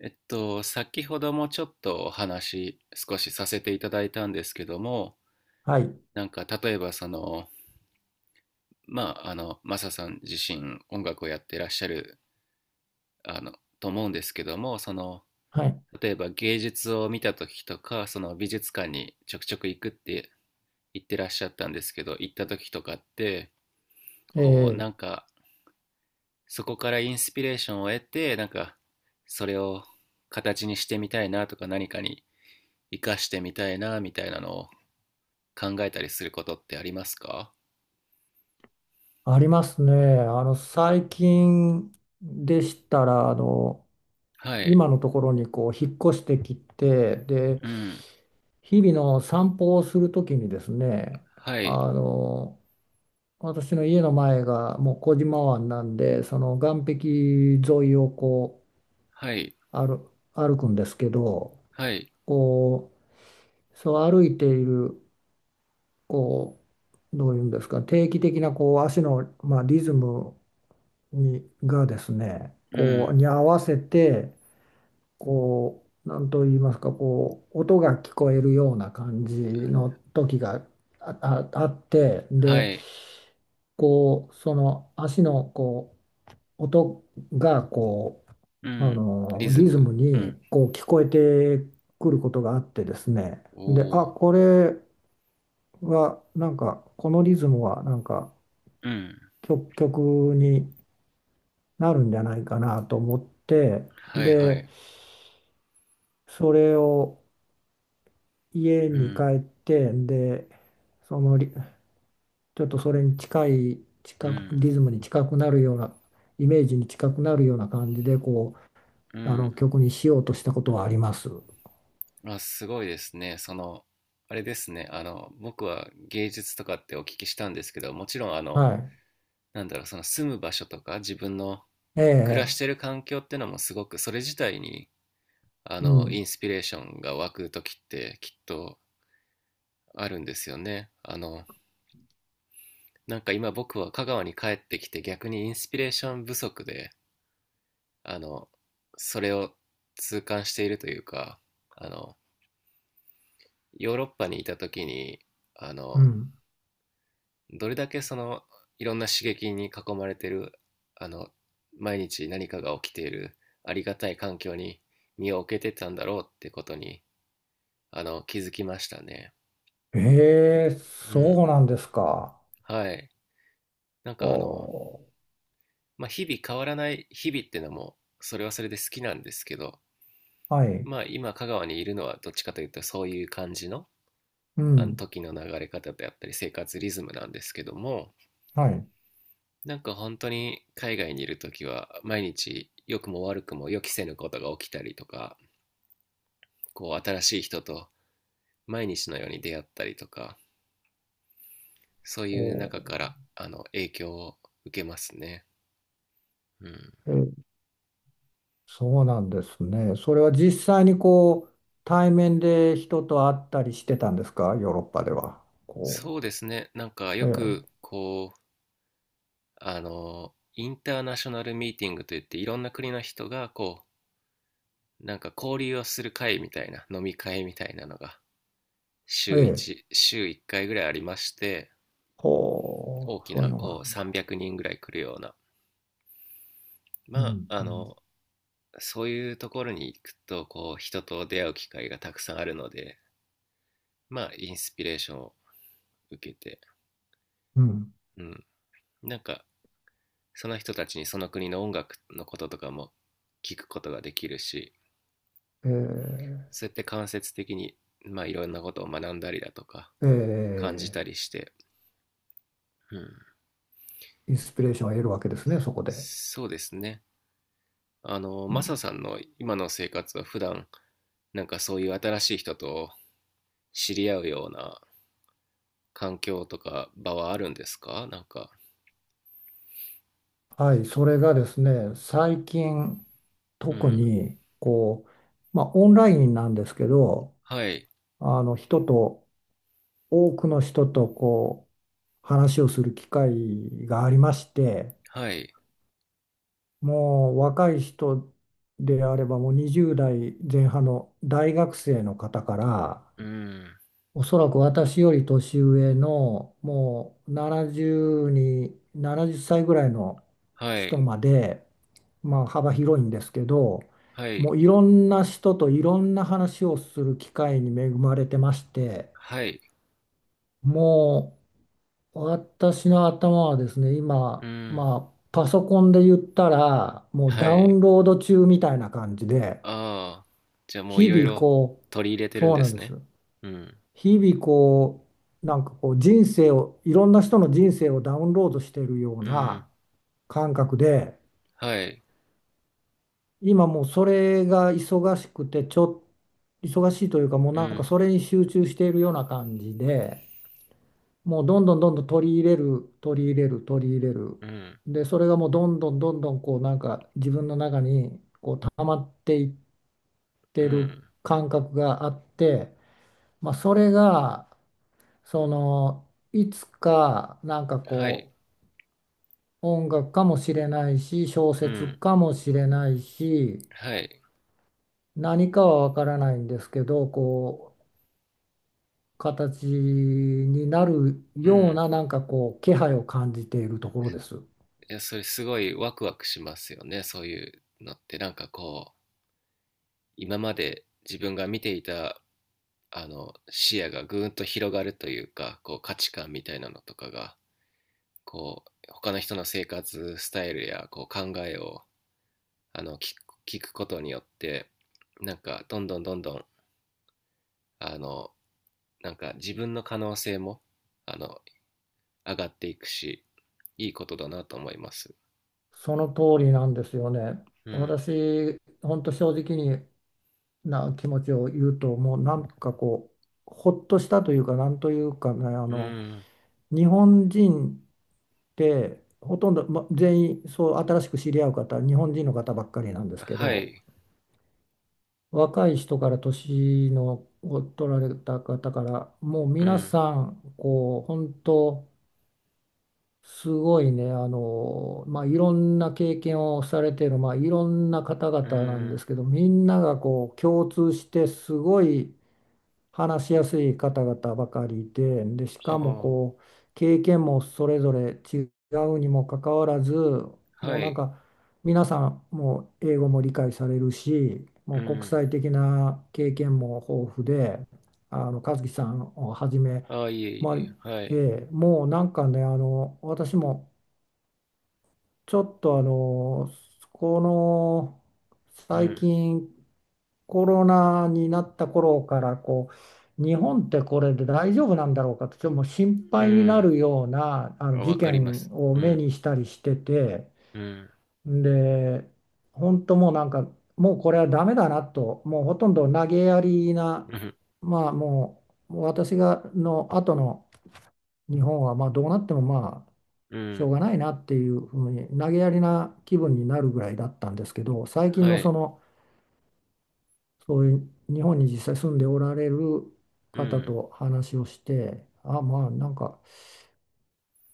先ほどもちょっとお話少しさせていただいたんですけども、はい、なんか例えばその、まあ、あの、マサさん自身音楽をやってらっしゃる、あの、と思うんですけども、その、はい、例えば芸術を見た時とか、その美術館にちょくちょく行くって言ってらっしゃったんですけど、行った時とかって、こう、なえんえ、かそこからインスピレーションを得て、なんかそれを形にしてみたいなとか何かに活かしてみたいなみたいなのを考えたりすることってありますか？ありますね。最近でしたら、はい、今のところに引っ越してきて、で、うん、日々の散歩をするときにですね、はい、あの、私の家の前がもう小島湾なんで、その岸壁沿いをはい、歩くんですけど、はい、こそう歩いている、こどういうんですか、定期的な足の、まあ、リズムにがですね、うこうん、に合わせて何と言いますか、音が聞こえるような感じの時があってはでい、その足の音がうん、リズリズム、ムうん、に聞こえてくることがあってですね。で、おー、これはなんかこのリズムはなんかうん、曲になるんじゃないかなと思って、はい、はでい、それを家うに帰ん、って、で、そのリちょっとそれに近い、う近く、ん、リズムに近くなるような、イメージに近くなるような感じで、うん。曲にしようとしたことはあります。あ、すごいですね。その、あれですね、あの、僕は芸術とかってお聞きしたんですけど、もちろん、あの、はなんだろう、その住む場所とか自分のい。え暮らしえ、てる環境ってのもすごく、それ自体に、あうの、イん、ンスピレーションが湧くときってきっとあるんですよね。あの、なんか今僕は香川に帰ってきて逆にインスピレーション不足で、あの、それを痛感しているというか、あの、ヨーロッパにいた時に、あうの、ん。どれだけその、いろんな刺激に囲まれてる、あの、毎日何かが起きているありがたい環境に身を置けてたんだろうってことに、あの、気づきましたね。ええ、うん。そうなんですか。はい。なんおかあの、ー、まあ、日々変わらない日々っていうのもそれはそれで好きなんですけど、はい。まあ、今香川にいるのはどっちかというとそういう感じの、うあのん、時の流れ方であったり生活リズムなんですけども、はい。なんか本当に海外にいる時は毎日良くも悪くも予期せぬことが起きたりとか、こう新しい人と毎日のように出会ったりとか、そうおいう中かー、らあの影響を受けますね。うん、え、そうなんですね。それは実際に対面で人と会ったりしてたんですか、ヨーロッパでは。こそうですね。なんかよえくこう、あの、インターナショナルミーティングといっていろんな国の人がこう、なんか交流をする会みたいな、飲み会みたいなのがえ、え週え、1、週1回ぐらいありまして、ほ大う、きそういなうのがあこうるんだ。300人ぐらい来るような、うまん、あ、うあん、の、そういうところに行くとこう人と出会う機会がたくさんあるので、まあ、インスピレーションを受けて、うん、うん、なんかその人たちにその国の音楽のこととかも聞くことができるし、えそうやって間接的に、まあ、いろんなことを学んだりだとか、え、感じえたりして、うん、え、インスピレーションを得るわけですね、そこで。そうですね。あの、うマサん、さんの今の生活は普段、なんかそういう新しい人と知り合うような環境とか場はあるんですかなんか。はい、それがですね、最近、う特ん。に、まあ、オンラインなんですけど、はい。人と、多くの人と、話をする機会がありまして、はい。もう若い人であればもう20代前半の大学生の方から、うん。おそらく私より年上のもう70歳ぐらいのは人い。まで、まあ幅広いんですけど、はもい。ういろんな人といろんな話をする機会に恵まれてまして、はい。もう私の頭はですね、う今、ん。まあ、パソコンで言ったら、もうダはウい。ンロード中みたいな感じで、ああ。じゃあもうい日ろい々ろ取り入れてるんそうでなんすでね。す。うん。日々人生を、いろんな人の人生をダウンロードしているよううん。な感覚で、はい。今もうそれが忙しくて、ちょっ、忙しいというか、もううなんかん。それに集中しているような感じで、もうどんどんどんどん取り入れる取り入れる取り入れる、うん。でそれがもうどんどんどんどんなんか自分の中に溜まっていっうてるん。感覚があって、まあ、それがそのいつかなんかはい。音楽かもしれないし、小う説ん。かもしれないし、はい。何かはわからないんですけど、形になるうようん。ななんか気配を感じているところです。いや、それすごいワクワクしますよね。そういうのって。なんかこう、今まで自分が見ていた、あの、視野がぐーんと広がるというか、こう、価値観みたいなのとかが、こう、他の人の生活スタイルや、こう、考えを、あの、聞く、聞くことによって、なんか、どんどんどんどん、あの、なんか自分の可能性も、あの、上がっていくし、いいことだなと思います。その通りなんですよね。うん。私、本当正直にな気持ちを言うと、もうなんかほっとしたというか、なんというかね、うん。日本人ってほとんど、ま、全員、そう、新しく知り合う方、日本人の方ばっかりなんですけはど、い。若い人から年のを取られた方から、もうう皆ん。さん、本当、すごいね、まあ、いろんな経験をされている、まあ、いろんな方う々なんでん。すけど、みんながこう共通してすごい話しやすい方々ばかりで、で、しかもあ経験もそれぞれ違うにもかかわらず、あ、もはうなんい。か、皆さんもう英語も理解されるし、もうう国ん。際的な経験も豊富で、和樹さんをはじめ、ああ、いえまあ、いえ、はい。ええ、もうなんかね、私もちょっとこのう最ん。近コロナになった頃から日本ってこれで大丈夫なんだろうかと、ちょっともう心う配になん。るようなあのあ、わ事かりま件す。をう目ん。にしたりしてて、うん。で、本当もうなんか、もうこれはダメだなと、もうほとんど投げやりな、うん。まあももう私がの後の日本はまあどうなってもまあ、うしょん。うがないなっていうふうに投げやりな気分になるぐらいだったんですけど、最近はのい。その、そういう日本に実際住んでおられるう方ん。と話をして、あまあなんか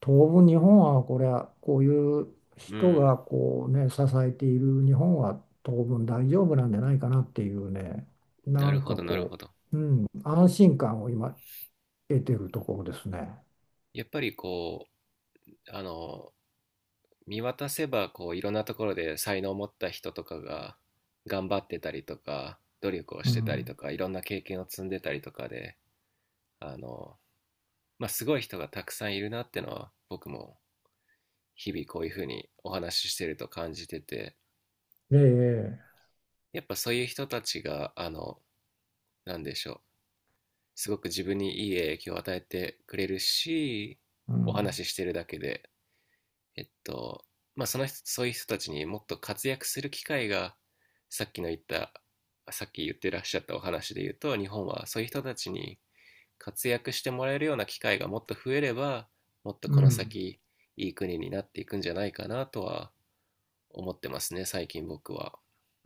当分日本はこれは、こういうう人ん。がこうね支えている日本は当分大丈夫なんじゃないかなっていうね、ななるんほかど、なるほど。安心感を今得てるところですね。やっぱりこう、あの、見渡せば、こう、いろんなところで才能を持った人とかが頑張ってたりとか、努力をうしてたりとん、か、いろんな経験を積んでたりとかで、あの、まあ、すごい人がたくさんいるなってのは僕も日々こういうふうにお話ししてると感じてて、ええ、やっぱそういう人たちがあの、なんでしょう、すごく自分にいい影響を与えてくれるし、うおん、話ししてるだけで、えっと、まあその人そういう人たちにもっと活躍する機会が、さっきの言ったさっき言ってらっしゃったお話で言うと、日本はそういう人たちに活躍してもらえるような機会がもっと増えれば、もっとうこのん、先いい国になっていくんじゃないかなとは思ってますね、最近僕は。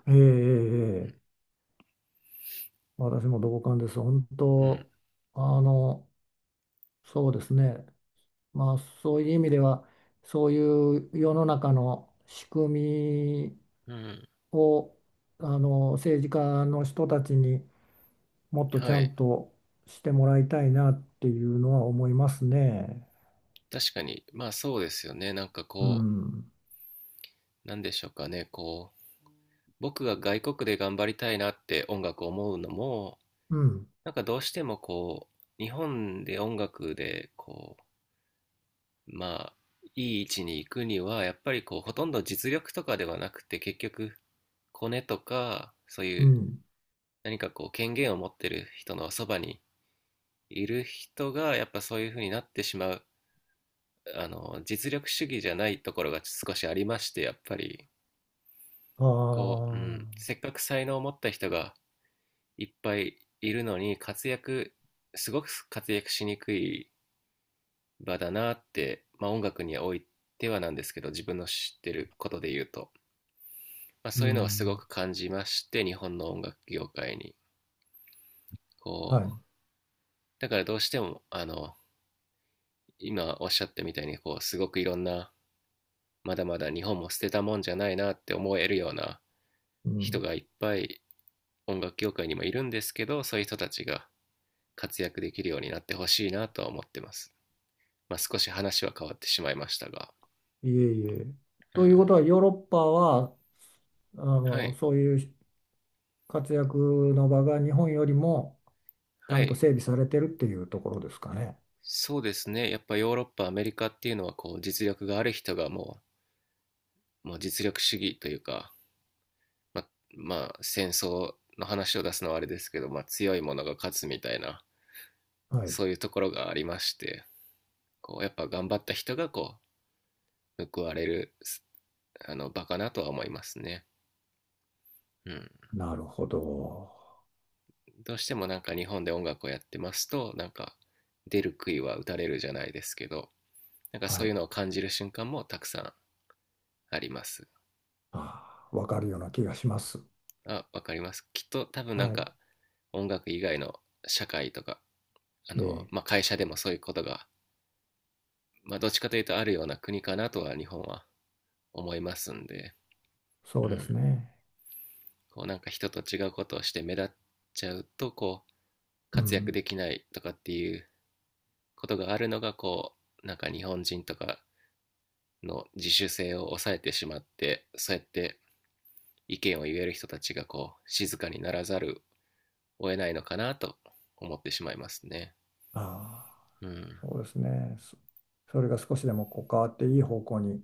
ええ、ええ。うん、ええ、私も同感です。本うん、当、あの、そうですね。まあ、そういう意味では、そういう世の中の仕組みうん、を、政治家の人たちにもっとちはゃい。んとしてもらいたいなっていうのは思いますね。確かに、まあそうですよね。なんかうこん、う、なんでしょうかね。こう、僕が外国で頑張りたいなって音楽を思うのも、うん、なんかどうしてもこう、日本で音楽で、こう、まあ、いい位置に行くには、やっぱりこう、ほとんど実力とかではなくて、結局、コネとか、そうういうん。何かこう、権限を持ってる人のそばにいる人が、やっぱそういう風になってしまう、あの、実力主義じゃないところが少しありまして、やっぱり、あこう、うん、あ、せっかく才能を持った人がいっぱいいるのに、活躍、すごく活躍しにくい場だなって、まあ音楽においてはなんですけど、自分の知ってることで言うと、まあうそういうのはすごん、く感じまして、日本の音楽業界に。こはう、い、だからどうしても、あの、今おっしゃったみたいに、こう、すごくいろんな、まだまだ日本も捨てたもんじゃないなって思えるようなう人ん。がいっぱい音楽業界にもいるんですけど、そういう人たちが活躍できるようになってほしいなとは思ってます、まあ、少し話は変わってしまいましたが、いえいえ。うということん、は、ヨーロッパは、はい、そういう活躍の場が日本よりもちゃはんとい、整備されてるっていうところですかね。そうですね。やっぱヨーロッパアメリカっていうのはこう実力がある人がもう実力主義というか、ままあ戦争の話を出すのはあれですけど、まあ、強いものが勝つみたいな、はい。そういうところがありまして、こうやっぱ頑張った人がこう報われるあの場かなとは思いますね。うん、なるほど。どうしてもなんか日本で音楽をやってますと、なんか出る杭は打たれるじゃないですけど、なんかはそういうい。のを感じる瞬間もたくさんあります。ああ、わかるような気がします。あ、わかります、きっと多分なんはい。か音楽以外の社会とか、あえの、え、まあ、会社でもそういうことが、まあ、どっちかというとあるような国かなとは日本は思いますんで、そううですん、ね。こうなんか人と違うことをして目立っちゃうとこうう活躍ん。できないとかっていうことがあるのが、こうなんか日本人とかの自主性を抑えてしまって、そうやって意見を言える人たちがこう静かにならざるを得ないのかなと思ってしまいますね。ああ、うん、そうですね。それが少しでもこう変わっていい方向に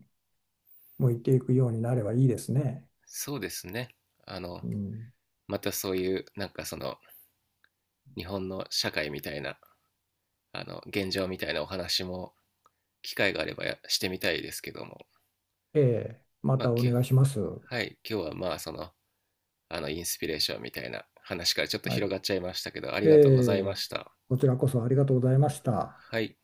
向いていくようになればいいですね。そうですね、あの、うん。またそういうなんかその日本の社会みたいなあの現状みたいなお話も機会があればしてみたいですけども、ええ、ままあ、たお願いします。はい、今日はまあそのあのインスピレーションみたいな話からちょっとはい。広がっちゃいましたけどありえがとうございまえ、した。こちらこそありがとうございました。はい。